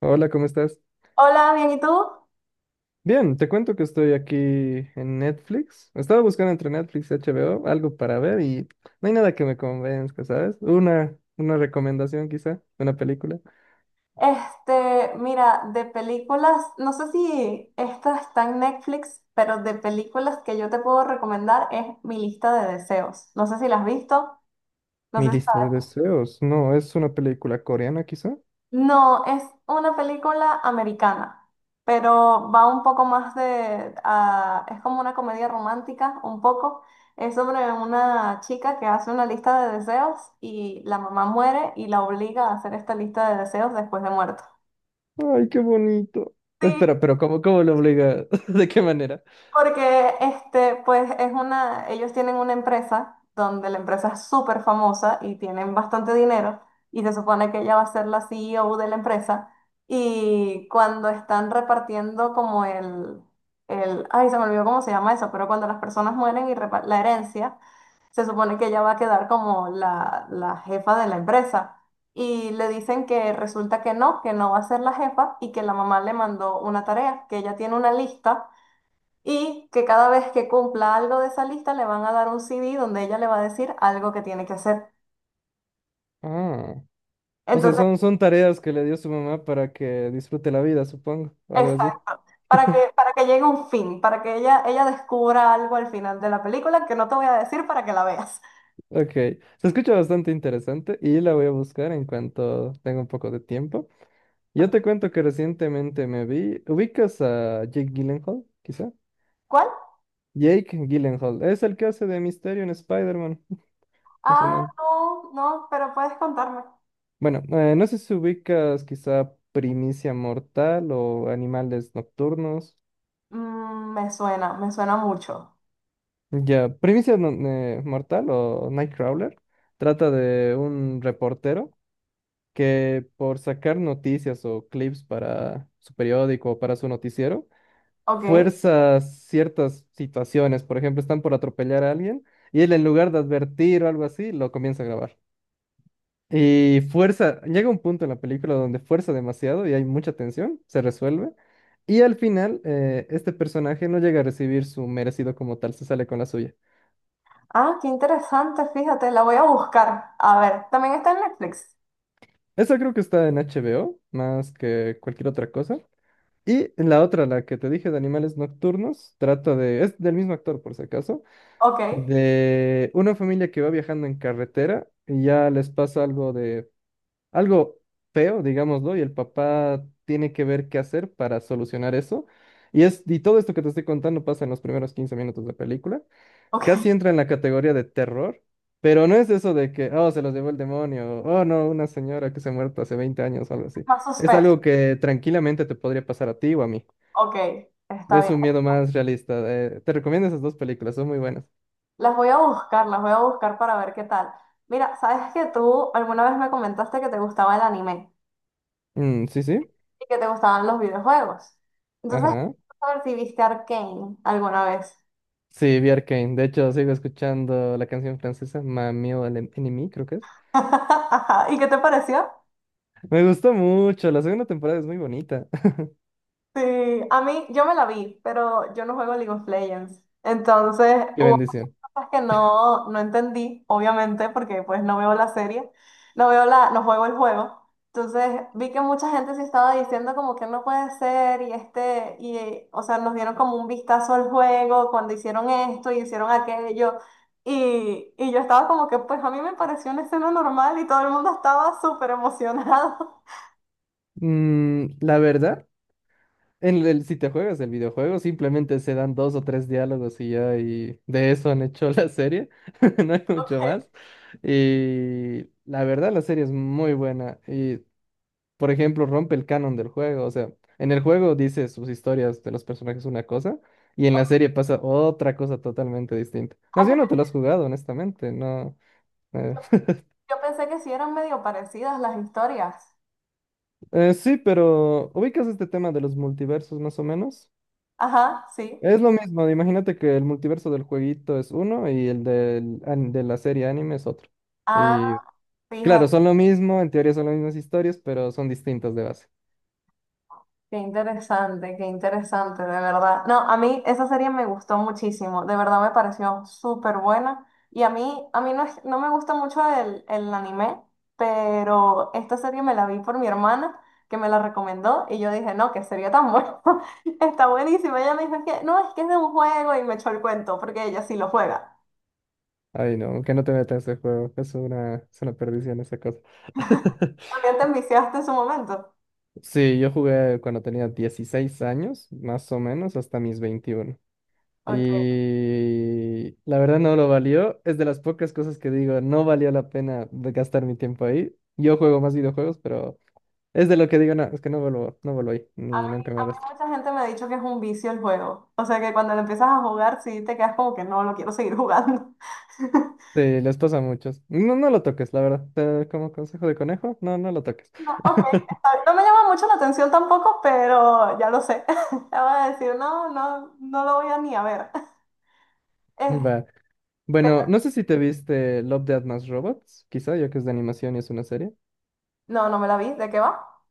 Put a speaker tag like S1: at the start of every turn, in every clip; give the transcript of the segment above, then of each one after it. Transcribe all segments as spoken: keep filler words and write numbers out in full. S1: Hola, ¿cómo estás?
S2: Hola, bien, ¿y tú?
S1: Bien, te cuento que estoy aquí en Netflix. Estaba buscando entre Netflix y H B O algo para ver y no hay nada que me convenzca, ¿sabes? Una, una recomendación quizá, una película.
S2: Este, mira, de películas, no sé si esta está en Netflix, pero de películas que yo te puedo recomendar es Mi lista de deseos. No sé si la has visto, no
S1: Mi
S2: sé si
S1: lista
S2: sabes.
S1: de deseos. No, es una película coreana quizá.
S2: No, es una película americana, pero va un poco más de, ah, es como una comedia romántica, un poco. Es sobre una chica que hace una lista de deseos y la mamá muere y la obliga a hacer esta lista de deseos después de muerto.
S1: Ay, qué bonito.
S2: Sí.
S1: Espera, pero ¿cómo, cómo lo obliga? ¿De qué manera?
S2: Porque este, pues es una, ellos tienen una empresa donde la empresa es súper famosa y tienen bastante dinero y se supone que ella va a ser la C E O de la empresa y cuando están repartiendo como el, el, ay, se me olvidó cómo se llama eso, pero cuando las personas mueren y repa- la herencia, se supone que ella va a quedar como la, la jefa de la empresa. Y le dicen que resulta que no, que no va a ser la jefa y que la mamá le mandó una tarea, que ella tiene una lista y que cada vez que cumpla algo de esa lista le van a dar un C D donde ella le va a decir algo que tiene que hacer.
S1: Ah, o sea,
S2: Entonces,
S1: son, son tareas que le dio su mamá para que disfrute la vida, supongo, o algo así.
S2: exacto, para que, para que llegue a un fin, para que ella, ella descubra algo al final de la película que no te voy a decir para que la veas.
S1: Ok, se escucha bastante interesante y la voy a buscar en cuanto tenga un poco de tiempo. Yo
S2: Ok,
S1: te cuento que recientemente me vi, ¿ubicas a Jake Gyllenhaal, quizá?
S2: ¿cuál?
S1: Jake Gyllenhaal, es el que hace de Misterio en Spider-Man, más o
S2: Ah,
S1: menos.
S2: no, no, pero puedes contarme.
S1: Bueno, eh, no sé si ubicas quizá Primicia Mortal o Animales Nocturnos.
S2: Mm, me suena, me suena mucho.
S1: Ya, Primicia no- eh, Mortal o Nightcrawler trata de un reportero que por sacar noticias o clips para su periódico o para su noticiero,
S2: Ok.
S1: fuerza ciertas situaciones. Por ejemplo, están por atropellar a alguien y él en lugar de advertir o algo así, lo comienza a grabar. Y fuerza, llega un punto en la película donde fuerza demasiado y hay mucha tensión, se resuelve. Y al final, eh, este personaje no llega a recibir su merecido como tal, se sale con la suya.
S2: Ah, qué interesante, fíjate, la voy a buscar. A ver, también está en Netflix.
S1: Eso creo que está en H B O, más que cualquier otra cosa. Y la otra, la que te dije de animales nocturnos, trata de, es del mismo actor por si acaso,
S2: Ok,
S1: de una familia que va viajando en carretera y ya les pasa algo de, algo feo, digámoslo, y el papá tiene que ver qué hacer para solucionar eso. Y es, y todo esto que te estoy contando pasa en los primeros quince minutos de película.
S2: ok,
S1: Casi entra en la categoría de terror, pero no es eso de que, oh, se los llevó el demonio, oh, no, una señora que se ha muerto hace veinte años o algo así.
S2: más
S1: Es
S2: suspenso.
S1: algo que tranquilamente te podría pasar a ti o a mí.
S2: Ok, está
S1: Es
S2: bien.
S1: un miedo más realista. Eh, te recomiendo esas dos películas, son muy buenas.
S2: Las voy a buscar, las voy a buscar para ver qué tal. Mira, ¿sabes que tú alguna vez me comentaste que te gustaba el anime
S1: Mm, sí, sí.
S2: y que te gustaban los videojuegos? Entonces,
S1: Ajá.
S2: a ver si viste Arcane alguna vez.
S1: Sí, vi Arcane. De hecho, sigo escuchando la canción francesa, Mami o el Em-, Ennemi, creo que es.
S2: ¿Y qué te pareció?
S1: Me gustó mucho. La segunda temporada es muy bonita.
S2: Sí, a mí, yo me la vi, pero yo no juego League of Legends. Entonces,
S1: Qué
S2: hubo muchas
S1: bendición.
S2: cosas que no, no entendí, obviamente, porque pues no veo la serie, no veo la, no juego el juego. Entonces, vi que mucha gente se estaba diciendo como que no puede ser y este, y, eh, o sea, nos dieron como un vistazo al juego cuando hicieron esto y hicieron aquello. Y, y yo estaba como que, pues a mí me pareció una escena normal y todo el mundo estaba súper emocionado.
S1: Mm, la verdad, en el, si te juegas el videojuego, simplemente se dan dos o tres diálogos y ya, y de eso han hecho la serie. No hay mucho
S2: Ok.
S1: más. Y la verdad, la serie es muy buena. Y por ejemplo, rompe el canon del juego. O sea, en el juego dice sus historias de los personajes una cosa y en la serie pasa otra cosa totalmente distinta. Más
S2: Ah,
S1: bien no te lo has jugado, honestamente, no. eh,
S2: yo, yo pensé que sí eran medio parecidas las historias.
S1: eh, sí, pero ubicas este tema de los multiversos más o menos.
S2: Ajá, sí.
S1: Es lo mismo, imagínate que el multiverso del jueguito es uno y el del, an- de la serie anime es otro.
S2: Ah,
S1: Y claro,
S2: fíjate,
S1: son lo mismo, en teoría son las mismas historias, pero son distintas de base.
S2: qué interesante, qué interesante, de verdad. No, a mí esa serie me gustó muchísimo, de verdad me pareció súper buena. Y a mí, a mí no, es- no me gusta mucho el, el anime, pero esta serie me la vi por mi hermana, que me la recomendó, y yo dije, no, qué serie tan buena, está buenísima. Ella me dijo, "Es que, no, es que es de un juego", y me echó el cuento, porque ella sí lo juega.
S1: Ay, no, que no te metas en ese juego. Es una, es una perdición esa cosa.
S2: También te enviciaste en su momento.
S1: Sí, yo jugué cuando tenía dieciséis años, más o menos, hasta mis veintiuno.
S2: Ok.
S1: Y la verdad no lo valió. Es de las pocas cosas que digo, no valió la pena de gastar mi tiempo ahí. Yo juego más videojuegos, pero es de lo que digo, no, es que no vuelvo, no vuelvo ahí,
S2: A
S1: ni
S2: mí,
S1: nunca
S2: a
S1: me
S2: mí
S1: arrastro.
S2: mucha gente me ha dicho que es un vicio el juego. O sea que cuando lo empiezas a jugar, sí te quedas como que no, lo quiero seguir jugando.
S1: Sí, les pasa a muchos. No, no lo toques, la verdad. Eh, Como consejo de conejo, no, no lo toques.
S2: No, ok, está bien. No me llama mucho la atención tampoco, pero ya lo sé. Ya voy a decir, no, no, no lo voy a ni a ver. Eh,
S1: Va. Bueno,
S2: pero-
S1: no sé si te viste Love, Death Más Robots, quizá, ya que es de animación y es una serie.
S2: no, no me la vi. ¿De qué va?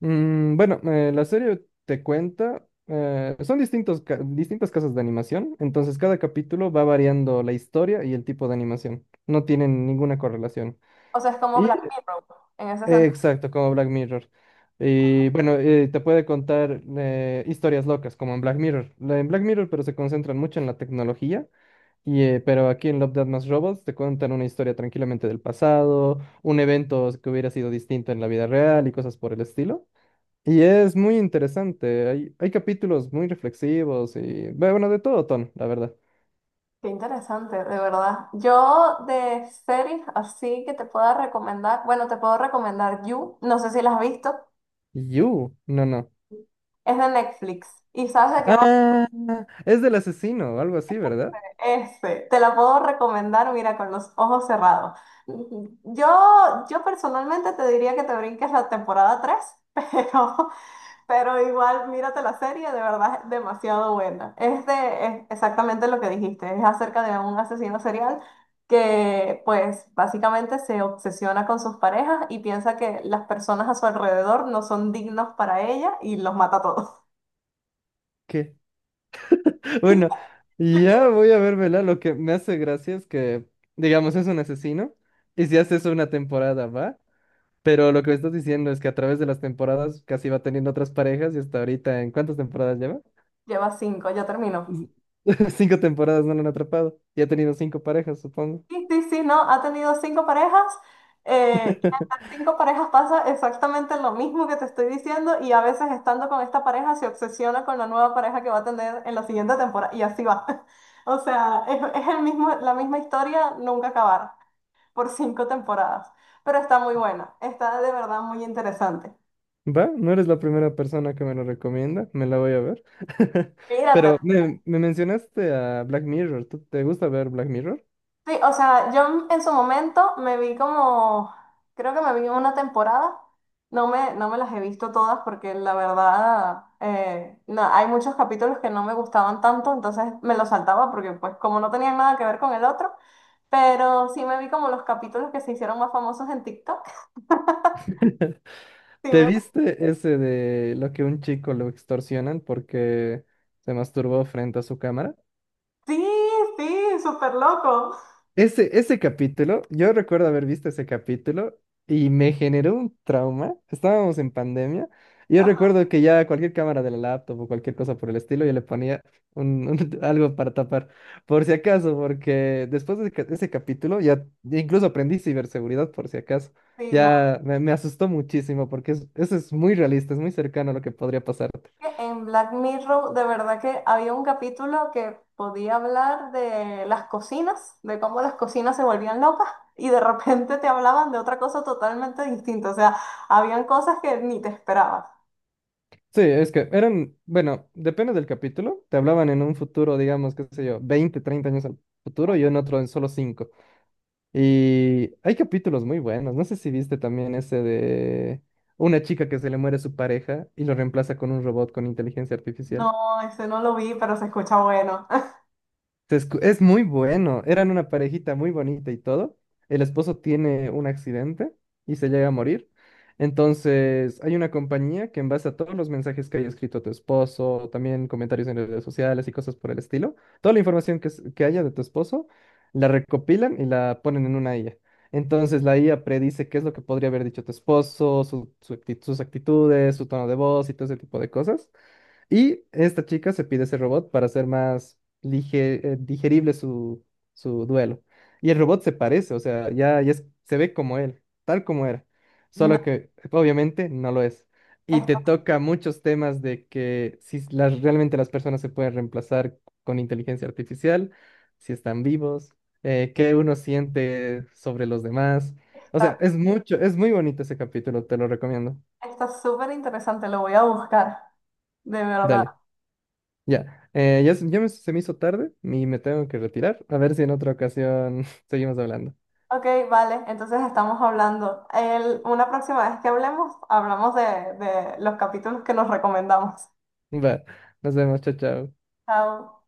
S1: Mm, bueno, eh, la serie te cuenta, eh, son distintos, ca- distintas casas de animación, entonces cada capítulo va variando la historia y el tipo de animación. No tienen ninguna correlación.
S2: O sea, es como
S1: Y,
S2: Black Mirror en ese
S1: eh,
S2: sentido.
S1: exacto, como Black Mirror. Y bueno, eh, te puede contar eh, historias locas, como en Black Mirror. La- En Black Mirror, pero se concentran mucho en la tecnología. Y, eh, pero aquí en Love, Death Más Robots te cuentan una historia tranquilamente del pasado, un evento que hubiera sido distinto en la vida real y cosas por el estilo. Y es muy interesante. Hay, hay capítulos muy reflexivos y, bueno, de todo tono, la verdad.
S2: Qué interesante, de verdad. Yo de series así que te pueda recomendar, bueno, te puedo recomendar You, no sé si la has visto,
S1: You, no, no.
S2: es de Netflix. ¿Y sabes de qué va?
S1: Ah, es del asesino, algo así, ¿verdad?
S2: Ese, te la puedo recomendar, mira, con los ojos cerrados. Yo, yo personalmente te diría que te brinques la temporada tres, pero, pero igual mírate la serie, de verdad es demasiado buena. Es de, es exactamente lo que dijiste, es acerca de un asesino serial que pues básicamente se obsesiona con sus parejas y piensa que las personas a su alrededor no son dignos para ella y los mata a todos.
S1: ¿Qué? Bueno, ya voy a vermela. Lo que me hace gracia es que, digamos, es un asesino y si haces una temporada, ¿va? Pero lo que me estás diciendo es que a través de las temporadas casi va teniendo otras parejas y hasta ahorita, ¿en cuántas temporadas lleva?
S2: Lleva cinco, ya terminó.
S1: Z- Cinco temporadas no lo han atrapado y ha tenido cinco parejas, supongo.
S2: Sí, sí, sí, no, ha tenido cinco parejas. Eh, y a las cinco parejas pasa exactamente lo mismo que te estoy diciendo y a veces estando con esta pareja se obsesiona con la nueva pareja que va a tener en la siguiente temporada y así va. O sea, es, es el mismo, la misma historia, nunca acabar, por cinco temporadas. Pero está muy buena, está de verdad muy interesante.
S1: Va, no eres la primera persona que me lo recomienda, me la voy a ver.
S2: Míratela.
S1: Pero me, me mencionaste a Black Mirror, ¿tú te gusta ver Black Mirror?
S2: Sí, o sea, yo en su momento me vi como, creo que me vi una temporada, no me, no me las he visto todas porque la verdad, eh, no, hay muchos capítulos que no me gustaban tanto, entonces me los saltaba porque pues como no tenían nada que ver con el otro, pero sí me vi como los capítulos que se hicieron más famosos en TikTok. Sí,
S1: ¿Te
S2: me-
S1: viste ese de lo que un chico lo extorsionan porque se masturbó frente a su cámara?
S2: sí, sí, súper loco.
S1: Ese, ese capítulo, yo recuerdo haber visto ese capítulo y me generó un trauma. Estábamos en pandemia. y Yo recuerdo que ya cualquier cámara de la laptop o cualquier cosa por el estilo, yo le ponía un, un- algo para tapar, por si acaso, porque después de ca- ese capítulo ya incluso aprendí ciberseguridad por si acaso.
S2: Sí, no.
S1: Ya me, me asustó muchísimo porque es- eso es muy realista, es muy cercano a lo que podría pasarte.
S2: que En Black Mirror, de verdad que había un capítulo que podía hablar de las cocinas, de cómo las cocinas se volvían locas y de repente te hablaban de otra cosa totalmente distinta. O sea, habían cosas que ni te esperabas.
S1: Sí, es que eran, bueno, depende del capítulo, te hablaban en un futuro, digamos, qué sé yo, veinte, treinta años al futuro y en otro en solo cinco. Y hay capítulos muy buenos, no sé si viste también ese de una chica que se le muere su pareja y lo reemplaza con un robot con inteligencia artificial.
S2: No, ese no lo vi, pero se escucha bueno.
S1: Se escu- Es muy bueno. Eran una parejita muy bonita y todo. El esposo tiene un accidente y se llega a morir. Entonces, hay una compañía que en base a todos los mensajes que haya escrito tu esposo, también comentarios en redes sociales y cosas por el estilo, toda la información que, s- que haya de tu esposo, la recopilan y la ponen en una I A. Entonces, la I A predice qué es lo que podría haber dicho tu esposo, su- su acti- sus actitudes, su tono de voz y todo ese tipo de cosas. Y esta chica se pide ese robot para hacer más lige- eh, digerible su, su, duelo. Y el robot se parece, o sea, ya, ya es- se ve como él, tal como era. Solo
S2: No,
S1: que obviamente no lo es. Y te
S2: está,
S1: toca muchos temas de que si las, realmente las personas se pueden reemplazar con inteligencia artificial, si están vivos, eh, qué uno siente sobre los demás. O sea,
S2: está,
S1: es mucho, es muy bonito ese capítulo, te lo recomiendo.
S2: está súper interesante, lo voy a buscar, de verdad.
S1: Dale. Ya, eh, ya, se ya me- se me hizo tarde y me tengo que retirar. A ver si en otra ocasión seguimos hablando.
S2: Ok, vale, entonces estamos hablando. El- una próxima vez que hablemos, hablamos de, de los capítulos que nos recomendamos.
S1: Va, nos vemos, chao, chao.
S2: Chao.